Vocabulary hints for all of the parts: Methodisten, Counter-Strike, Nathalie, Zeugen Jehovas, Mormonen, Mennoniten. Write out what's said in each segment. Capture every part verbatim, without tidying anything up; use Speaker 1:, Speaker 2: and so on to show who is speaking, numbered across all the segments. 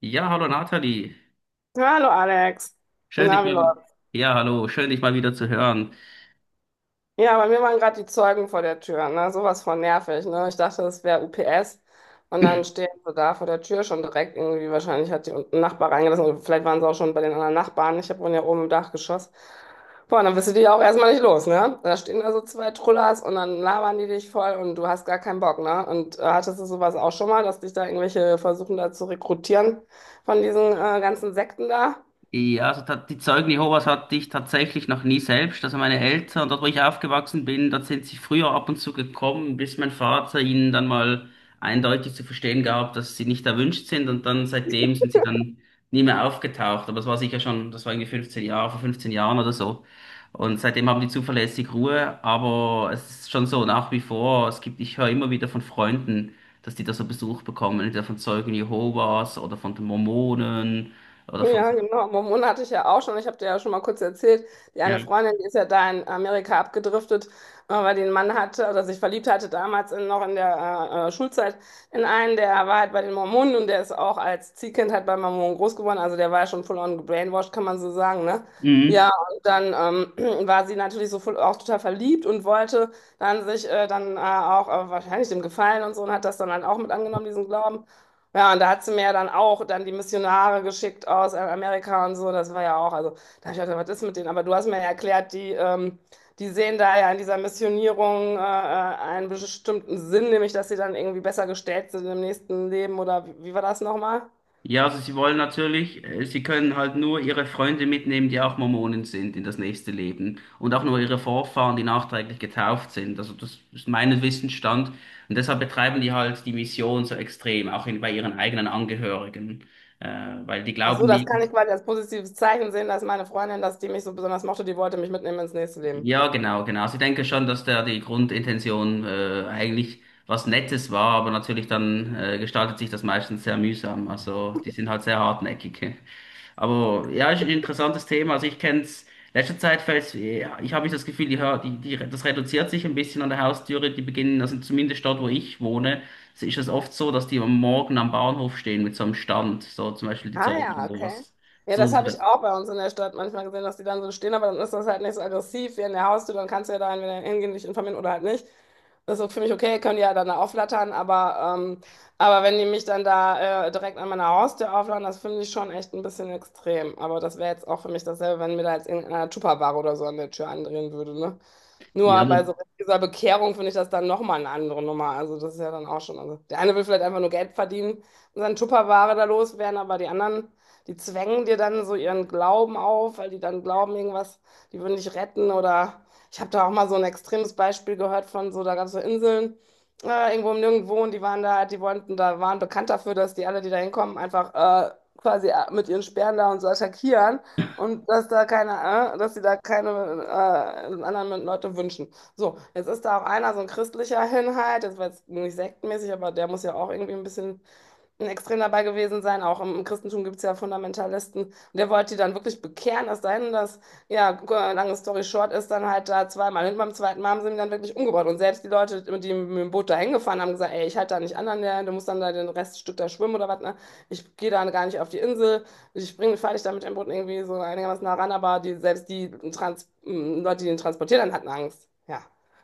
Speaker 1: Ja, hallo Nathalie.
Speaker 2: Ja, Hallo Alex.
Speaker 1: Schön dich
Speaker 2: Na, wie
Speaker 1: mal,
Speaker 2: läuft's?
Speaker 1: ja, hallo, schön dich mal wieder zu hören.
Speaker 2: Ja, bei mir waren gerade die Zeugen vor der Tür. Ne? Sowas von nervig. Ne? Ich dachte, das wäre U P S. Und dann stehen sie da vor der Tür schon direkt. Irgendwie wahrscheinlich hat die unten ein Nachbar reingelassen. Oder vielleicht waren sie auch schon bei den anderen Nachbarn. Ich hab wohne ja oben im Dachgeschoss. Boah, dann bist du dich auch erstmal nicht los, ne? Da stehen da so zwei Trullers und dann labern die dich voll und du hast gar keinen Bock, ne? Und äh, hattest du sowas auch schon mal, dass dich da irgendwelche versuchen da zu rekrutieren von diesen äh, ganzen Sekten da?
Speaker 1: Ja, also ta- die Zeugen Jehovas hatte ich tatsächlich noch nie selbst. Also meine Eltern, dort wo ich aufgewachsen bin, dort sind sie früher ab und zu gekommen, bis mein Vater ihnen dann mal eindeutig zu verstehen gab, dass sie nicht erwünscht sind. Und dann seitdem sind sie dann nie mehr aufgetaucht. Aber das war sicher schon, das war irgendwie fünfzehn Jahre, vor fünfzehn Jahren oder so. Und seitdem haben die zuverlässig Ruhe. Aber es ist schon so nach wie vor, es gibt, ich höre immer wieder von Freunden, dass die da so Besuch bekommen, entweder von Zeugen Jehovas oder von den Mormonen oder von...
Speaker 2: Ja, genau. Mormonen hatte ich ja auch schon. Ich habe dir ja schon mal kurz erzählt. Die
Speaker 1: Ja.
Speaker 2: eine Freundin, die ist ja da in Amerika abgedriftet, äh, weil die einen Mann hatte oder sich verliebt hatte damals in, noch in der äh, äh, Schulzeit in einen, der war halt bei den Mormonen und der ist auch als Ziehkind halt bei Mormonen groß geworden. Also der war ja schon full on gebrainwashed, kann man so sagen, ne?
Speaker 1: Mhm.
Speaker 2: Ja, und dann ähm, war sie natürlich so voll, auch total verliebt und wollte dann sich äh, dann äh, auch äh, wahrscheinlich dem gefallen und so und hat das dann halt auch mit angenommen, diesen Glauben. Ja, und da hat sie mir ja dann auch dann die Missionare geschickt aus Amerika und so. Das war ja auch, also da habe ich gedacht, was ist mit denen? Aber du hast mir ja erklärt, die, ähm, die sehen da ja in dieser Missionierung äh, äh, einen bestimmten Sinn, nämlich dass sie dann irgendwie besser gestellt sind im nächsten Leben oder wie, wie war das nochmal?
Speaker 1: Ja, also sie wollen natürlich, äh, sie können halt nur ihre Freunde mitnehmen, die auch Mormonen sind, in das nächste Leben und auch nur ihre Vorfahren, die nachträglich getauft sind. Also das ist mein Wissensstand und deshalb betreiben die halt die Mission so extrem, auch in, bei ihren eigenen Angehörigen, äh, weil die
Speaker 2: Ach so,
Speaker 1: glauben
Speaker 2: das
Speaker 1: nicht.
Speaker 2: kann ich quasi als positives Zeichen sehen, dass meine Freundin, dass die mich so besonders mochte, die wollte mich mitnehmen ins nächste Leben.
Speaker 1: Ja, genau, genau. Sie denken schon, dass da die Grundintention äh, eigentlich was Nettes war, aber natürlich dann äh, gestaltet sich das meistens sehr mühsam. Also die sind halt sehr hartnäckig. Aber ja, ist ein interessantes Thema. Also ich kenne es, letzter Zeit fällt ja, ich habe das Gefühl, die, Hör- die, die, das reduziert sich ein bisschen an der Haustüre. Die beginnen, also zumindest dort, wo ich wohne, ist es oft so, dass die am Morgen am Bahnhof stehen mit so einem Stand, so zum Beispiel die
Speaker 2: Ah ja,
Speaker 1: Zeugen oder
Speaker 2: okay.
Speaker 1: was.
Speaker 2: Ja,
Speaker 1: So,
Speaker 2: das
Speaker 1: so,
Speaker 2: habe ich auch bei uns in der Stadt manchmal gesehen, dass die dann so stehen, aber dann ist das halt nicht so aggressiv wie in der Haustür, dann kannst du ja da entweder hingehen, dich informieren oder halt nicht. Das ist für mich okay, können die ja dann da auflattern, aber, ähm, aber wenn die mich dann da äh, direkt an meiner Haustür auflattern, das finde ich schon echt ein bisschen extrem. Aber das wäre jetzt auch für mich dasselbe, wenn mir da jetzt irgendeiner Tupperware oder so an der Tür andrehen würde, ne?
Speaker 1: ja,
Speaker 2: Nur bei
Speaker 1: aber
Speaker 2: so dieser Bekehrung finde ich das dann nochmal eine andere Nummer. Also das ist ja dann auch schon. Also der eine will vielleicht einfach nur Geld verdienen und seine Tupperware da loswerden, aber die anderen, die zwängen dir dann so ihren Glauben auf, weil die dann glauben, irgendwas, die würden dich retten. Oder ich habe da auch mal so ein extremes Beispiel gehört von so, da gab es so Inseln, äh, irgendwo im Nirgendwo und die waren da, die wollten, da waren bekannt dafür, dass die alle, die da hinkommen, einfach äh, quasi äh, mit ihren Speeren da und so attackieren. Und dass da keine, äh, dass sie da keine äh, anderen Leute wünschen. So, jetzt ist da auch einer, so ein christlicher Hinhalt, das war jetzt nicht sektenmäßig, aber der muss ja auch irgendwie ein bisschen extrem dabei gewesen sein. Auch im Christentum gibt es ja Fundamentalisten. Und der wollte die dann wirklich bekehren, es sei denn, dass, ja, lange Story short ist, dann halt da zweimal hin. Beim zweiten Mal haben sie ihn dann wirklich umgebracht. Und selbst die Leute, die mit dem Boot da hingefahren haben, gesagt: Ey, ich halte da nicht an, an der, du musst dann da den Reststück da schwimmen oder was. Ne? Ich gehe da gar nicht auf die Insel. Ich bringe, fahre dich da mit dem Boot irgendwie so einigermaßen nah ran. Aber die, selbst die Trans hm, Leute, die ihn transportiert haben, hatten Angst. Ja.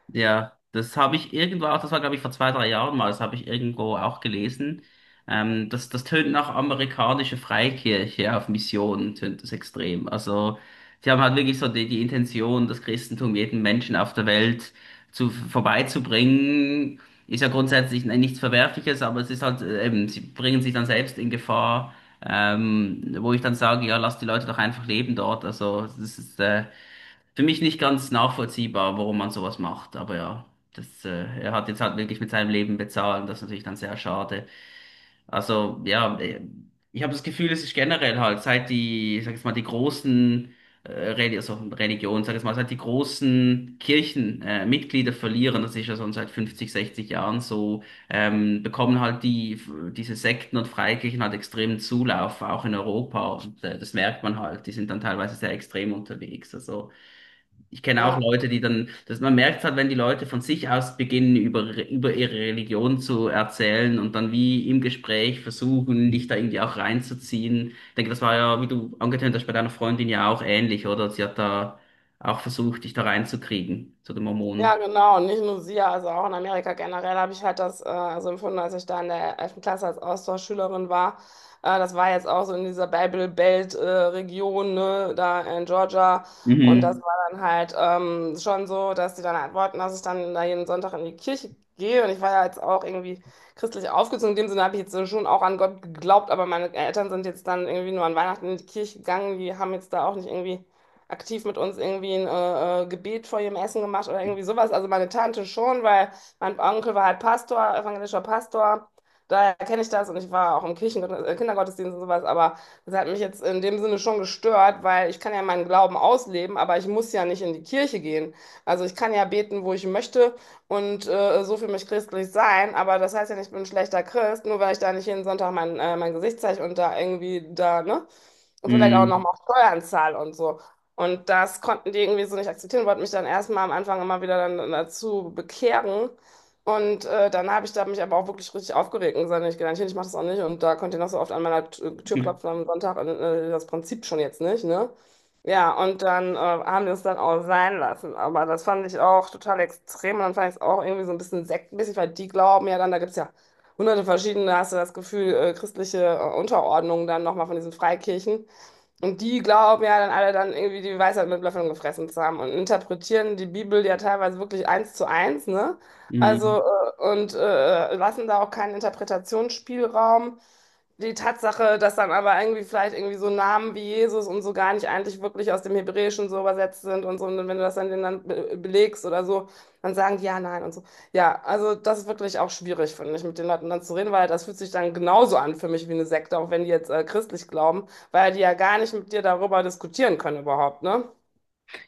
Speaker 1: ja, das habe ich irgendwo auch, das war glaube ich vor zwei, drei Jahren mal, das habe ich irgendwo auch gelesen. Ähm, das, das tönt nach amerikanische Freikirche auf Mission, tönt das extrem. Also, die haben halt wirklich so die, die Intention, das Christentum jedem Menschen auf der Welt zu, vorbeizubringen. Ist ja grundsätzlich nichts Verwerfliches, aber es ist halt, äh, eben, sie bringen sich dann selbst in Gefahr, ähm, wo ich dann sage, ja, lass die Leute doch einfach leben dort. Also, das ist, äh, für mich nicht ganz nachvollziehbar, warum man sowas macht. Aber ja, das, äh, er hat jetzt halt wirklich mit seinem Leben bezahlt und das ist natürlich dann sehr schade. Also ja, äh, ich habe das Gefühl, es ist generell halt, seit die, ich sag jetzt mal, die großen äh, Reli- also Religionen, sag jetzt mal, seit die großen Kirchen äh, Mitglieder verlieren, das ist ja schon seit fünfzig, sechzig Jahren so, ähm, bekommen halt die, diese Sekten und Freikirchen halt extremen Zulauf, auch in Europa. Und äh, das merkt man halt, die sind dann teilweise sehr extrem unterwegs. Also ich kenne auch
Speaker 2: Ja.
Speaker 1: Leute, die dann, dass man merkt halt, wenn die Leute von sich aus beginnen, über, über ihre Religion zu erzählen und dann wie im Gespräch versuchen, dich da irgendwie auch reinzuziehen. Ich denke, das war ja, wie du angetönt hast, bei deiner Freundin ja auch ähnlich, oder? Sie hat da auch versucht, dich da reinzukriegen, zu den
Speaker 2: Ja,
Speaker 1: Mormonen.
Speaker 2: genau. Und nicht nur sie, also auch in Amerika generell habe ich halt das äh, so empfunden, als ich da in der elften Klasse als Austauschschülerin war. Äh, das war jetzt auch so in dieser Bible Belt äh, Region, ne, da in Georgia. Und das
Speaker 1: Mhm.
Speaker 2: war dann halt ähm, schon so, dass die dann halt wollten, dass ich dann da jeden Sonntag in die Kirche gehe. Und ich war ja jetzt auch irgendwie christlich aufgezogen. In dem Sinne habe ich jetzt schon auch an Gott geglaubt, aber meine Eltern sind jetzt dann irgendwie nur an Weihnachten in die Kirche gegangen. Die haben jetzt da auch nicht irgendwie aktiv mit uns irgendwie ein äh, äh, Gebet vor ihrem Essen gemacht oder irgendwie sowas. Also meine Tante schon, weil mein Onkel war halt Pastor, evangelischer Pastor. Daher kenne ich das und ich war auch im Kirchen äh, Kindergottesdienst und sowas, aber das hat mich jetzt in dem Sinne schon gestört, weil ich kann ja meinen Glauben ausleben, aber ich muss ja nicht in die Kirche gehen. Also ich kann ja beten, wo ich möchte und äh, so für mich christlich sein, aber das heißt ja nicht, ich bin ein schlechter Christ, nur weil ich da nicht jeden Sonntag mein, äh, mein Gesicht zeige und da irgendwie da, ne? Und vielleicht auch
Speaker 1: Mhm.
Speaker 2: nochmal Steuern zahle und so. Und das konnten die irgendwie so nicht akzeptieren, wollten mich dann erstmal am Anfang immer wieder dann dazu bekehren. Und äh, dann habe ich da mich aber auch wirklich richtig aufgeregt und gesagt, nee, ich gehe da nicht hin, ich mache das auch nicht. Und da könnt ihr noch so oft an meiner T- Tür klopfen am Sonntag, äh, das Prinzip schon jetzt nicht, ne? Ja, und dann äh, haben wir es dann auch sein lassen. Aber das fand ich auch total extrem. Und dann fand ich es auch irgendwie so ein bisschen sektenmäßig, weil die glauben ja dann, da gibt es ja hunderte verschiedene, hast du das Gefühl, äh, christliche äh, Unterordnung dann nochmal von diesen Freikirchen. Und die glauben ja dann alle dann irgendwie die Weisheit mit Löffeln gefressen zu haben und interpretieren die Bibel ja teilweise wirklich eins zu eins, ne?
Speaker 1: Mhm.
Speaker 2: Also, äh, und äh, lassen da auch keinen Interpretationsspielraum. Die Tatsache, dass dann aber irgendwie vielleicht irgendwie so Namen wie Jesus und so gar nicht eigentlich wirklich aus dem Hebräischen so übersetzt sind und so, und wenn du das dann denen dann be belegst oder so, dann sagen die ja, nein und so. Ja, also das ist wirklich auch schwierig, finde ich, mit den Leuten dann zu reden, weil das fühlt sich dann genauso an für mich wie eine Sekte, auch wenn die jetzt äh, christlich glauben, weil die ja gar nicht mit dir darüber diskutieren können überhaupt, ne?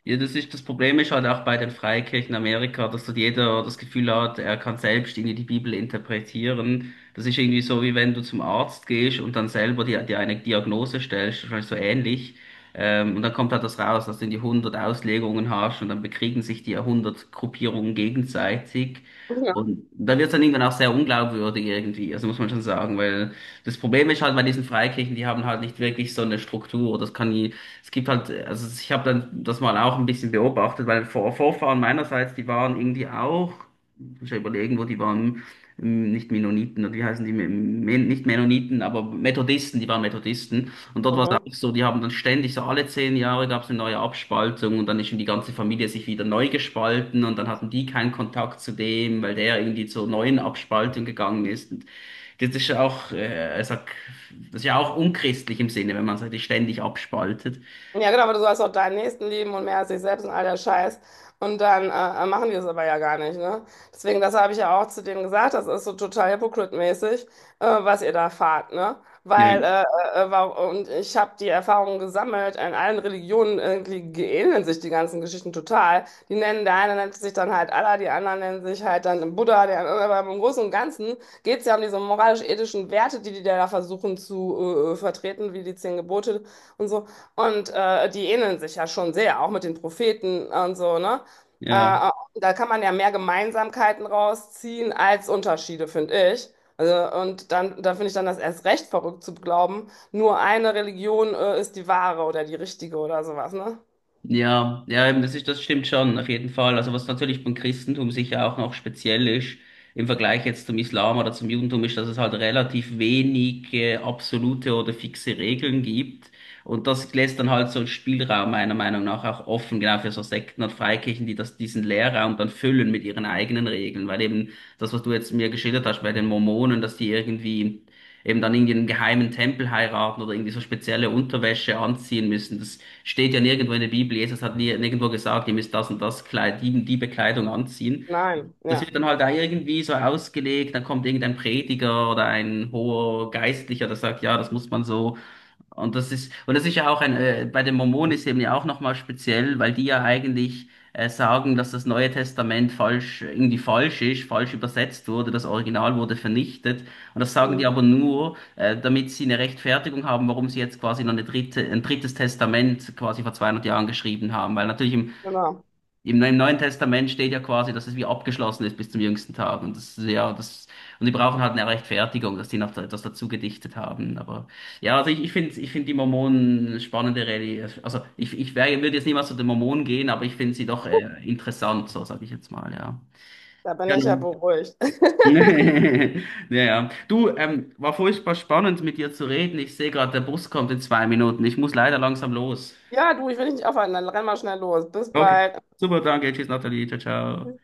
Speaker 1: Ja, das ist, das Problem ist halt auch bei den Freikirchen in Amerika, dass dort jeder das Gefühl hat, er kann selbst irgendwie die Bibel interpretieren. Das ist irgendwie so, wie wenn du zum Arzt gehst und dann selber dir, dir eine Diagnose stellst, wahrscheinlich so ähnlich. Ähm, und dann kommt halt das raus, dass du die hundert Auslegungen hast und dann bekriegen sich die ja hundert Gruppierungen gegenseitig.
Speaker 2: Ja.
Speaker 1: Und dann wird es dann irgendwann auch sehr unglaubwürdig irgendwie, also muss man schon sagen, weil das Problem ist halt bei diesen Freikirchen, die haben halt nicht wirklich so eine Struktur. Das kann, es gibt halt, also ich habe dann das mal auch ein bisschen beobachtet, weil Vor Vorfahren meinerseits, die waren irgendwie auch, ich muss ich ja überlegen, wo die waren, ähm, nicht Mennoniten, oder wie heißen die, Men Men- nicht Mennoniten, aber Methodisten, die waren Methodisten. Und dort war es auch
Speaker 2: Mhm.
Speaker 1: so, die haben dann ständig, so alle zehn Jahre gab es eine neue Abspaltung und dann ist schon die ganze Familie sich wieder neu gespalten und dann hatten die keinen Kontakt zu dem, weil der irgendwie zur neuen Abspaltung gegangen ist. Und das ist ja auch, äh, ich sag, das ist ja auch unchristlich im Sinne, wenn man sich ständig abspaltet.
Speaker 2: Ja, genau, aber du sollst auch deinen Nächsten lieben und mehr als dich selbst und all der Scheiß. Und dann äh, äh, machen die es aber ja gar nicht, ne? Deswegen, das habe ich ja auch zu denen gesagt, das ist so total hypocrite-mäßig, äh, was ihr da fahrt, ne?
Speaker 1: Ja,
Speaker 2: Weil, äh, äh, wa- und ich habe die Erfahrung gesammelt, in allen Religionen irgendwie ähneln sich die ganzen Geschichten total. Die nennen, der eine nennt sich dann halt Allah, die anderen nennen sich halt dann Buddha, der, andere- aber im Großen und Ganzen geht es ja um diese moralisch-ethischen Werte, die die da versuchen zu äh, äh, vertreten, wie die zehn Gebote. Und so. Und äh, die ähneln sich ja schon sehr, auch mit den Propheten und so, ne? Äh,
Speaker 1: ja,
Speaker 2: äh, Da kann man ja mehr Gemeinsamkeiten rausziehen als Unterschiede, finde ich. Also, und dann, da finde ich dann das erst recht verrückt zu glauben, nur eine Religion äh, ist die wahre oder die richtige oder sowas, ne?
Speaker 1: ja, ja, eben, das ist, das stimmt schon, auf jeden Fall. Also was natürlich beim Christentum sicher auch noch speziell ist, im Vergleich jetzt zum Islam oder zum Judentum, ist, dass es halt relativ wenig äh, absolute oder fixe Regeln gibt. Und das lässt dann halt so einen Spielraum meiner Meinung nach auch offen, genau für so Sekten und Freikirchen, die das, diesen Leerraum dann füllen mit ihren eigenen Regeln. Weil eben das, was du jetzt mir geschildert hast bei den Mormonen, dass die irgendwie eben dann irgendwie einen geheimen Tempel heiraten oder irgendwie so spezielle Unterwäsche anziehen müssen, das steht ja nirgendwo in der Bibel. Jesus hat nie, nirgendwo gesagt, ihr müsst das und das Kleid, die, die Bekleidung anziehen.
Speaker 2: Nein,
Speaker 1: Das
Speaker 2: ja.
Speaker 1: wird dann halt da irgendwie so ausgelegt, dann kommt irgendein Prediger oder ein hoher Geistlicher, der sagt, ja, das muss man so. Und das ist, und das ist ja auch ein, äh, bei den Mormonen ist eben ja auch nochmal speziell, weil die ja eigentlich äh, sagen, dass das Neue Testament falsch, irgendwie falsch ist, falsch übersetzt wurde, das Original wurde vernichtet. Und das sagen die aber
Speaker 2: Mhm,
Speaker 1: nur, äh, damit sie eine Rechtfertigung haben, warum sie jetzt quasi noch eine dritte, ein drittes Testament quasi vor zweihundert Jahren geschrieben haben. Weil natürlich im
Speaker 2: genau.
Speaker 1: im, Im Neuen Testament steht ja quasi dass es wie abgeschlossen ist bis zum jüngsten Tag. Und das, ist ja, das, und die brauchen halt eine Rechtfertigung, dass die noch da- etwas dazu gedichtet haben. Aber ja, also ich, ich finde, ich finde die Mormonen eine spannende Religion. Also ich, ich wär, würde jetzt niemals zu den Mormonen gehen, aber ich finde sie doch äh, interessant, so sage ich jetzt mal, ja.
Speaker 2: Da bin
Speaker 1: Ja,
Speaker 2: ich ja
Speaker 1: nun.
Speaker 2: beruhigt.
Speaker 1: Ja, Du, ähm, war furchtbar spannend mit dir zu reden. Ich sehe gerade, der Bus kommt in zwei Minuten. Ich muss leider langsam los.
Speaker 2: Ja, du, ich will dich nicht aufhalten, dann renn mal schnell los. Bis
Speaker 1: Okay.
Speaker 2: bald.
Speaker 1: Super, danke. Tschüss, Nathalie. Ciao, ciao.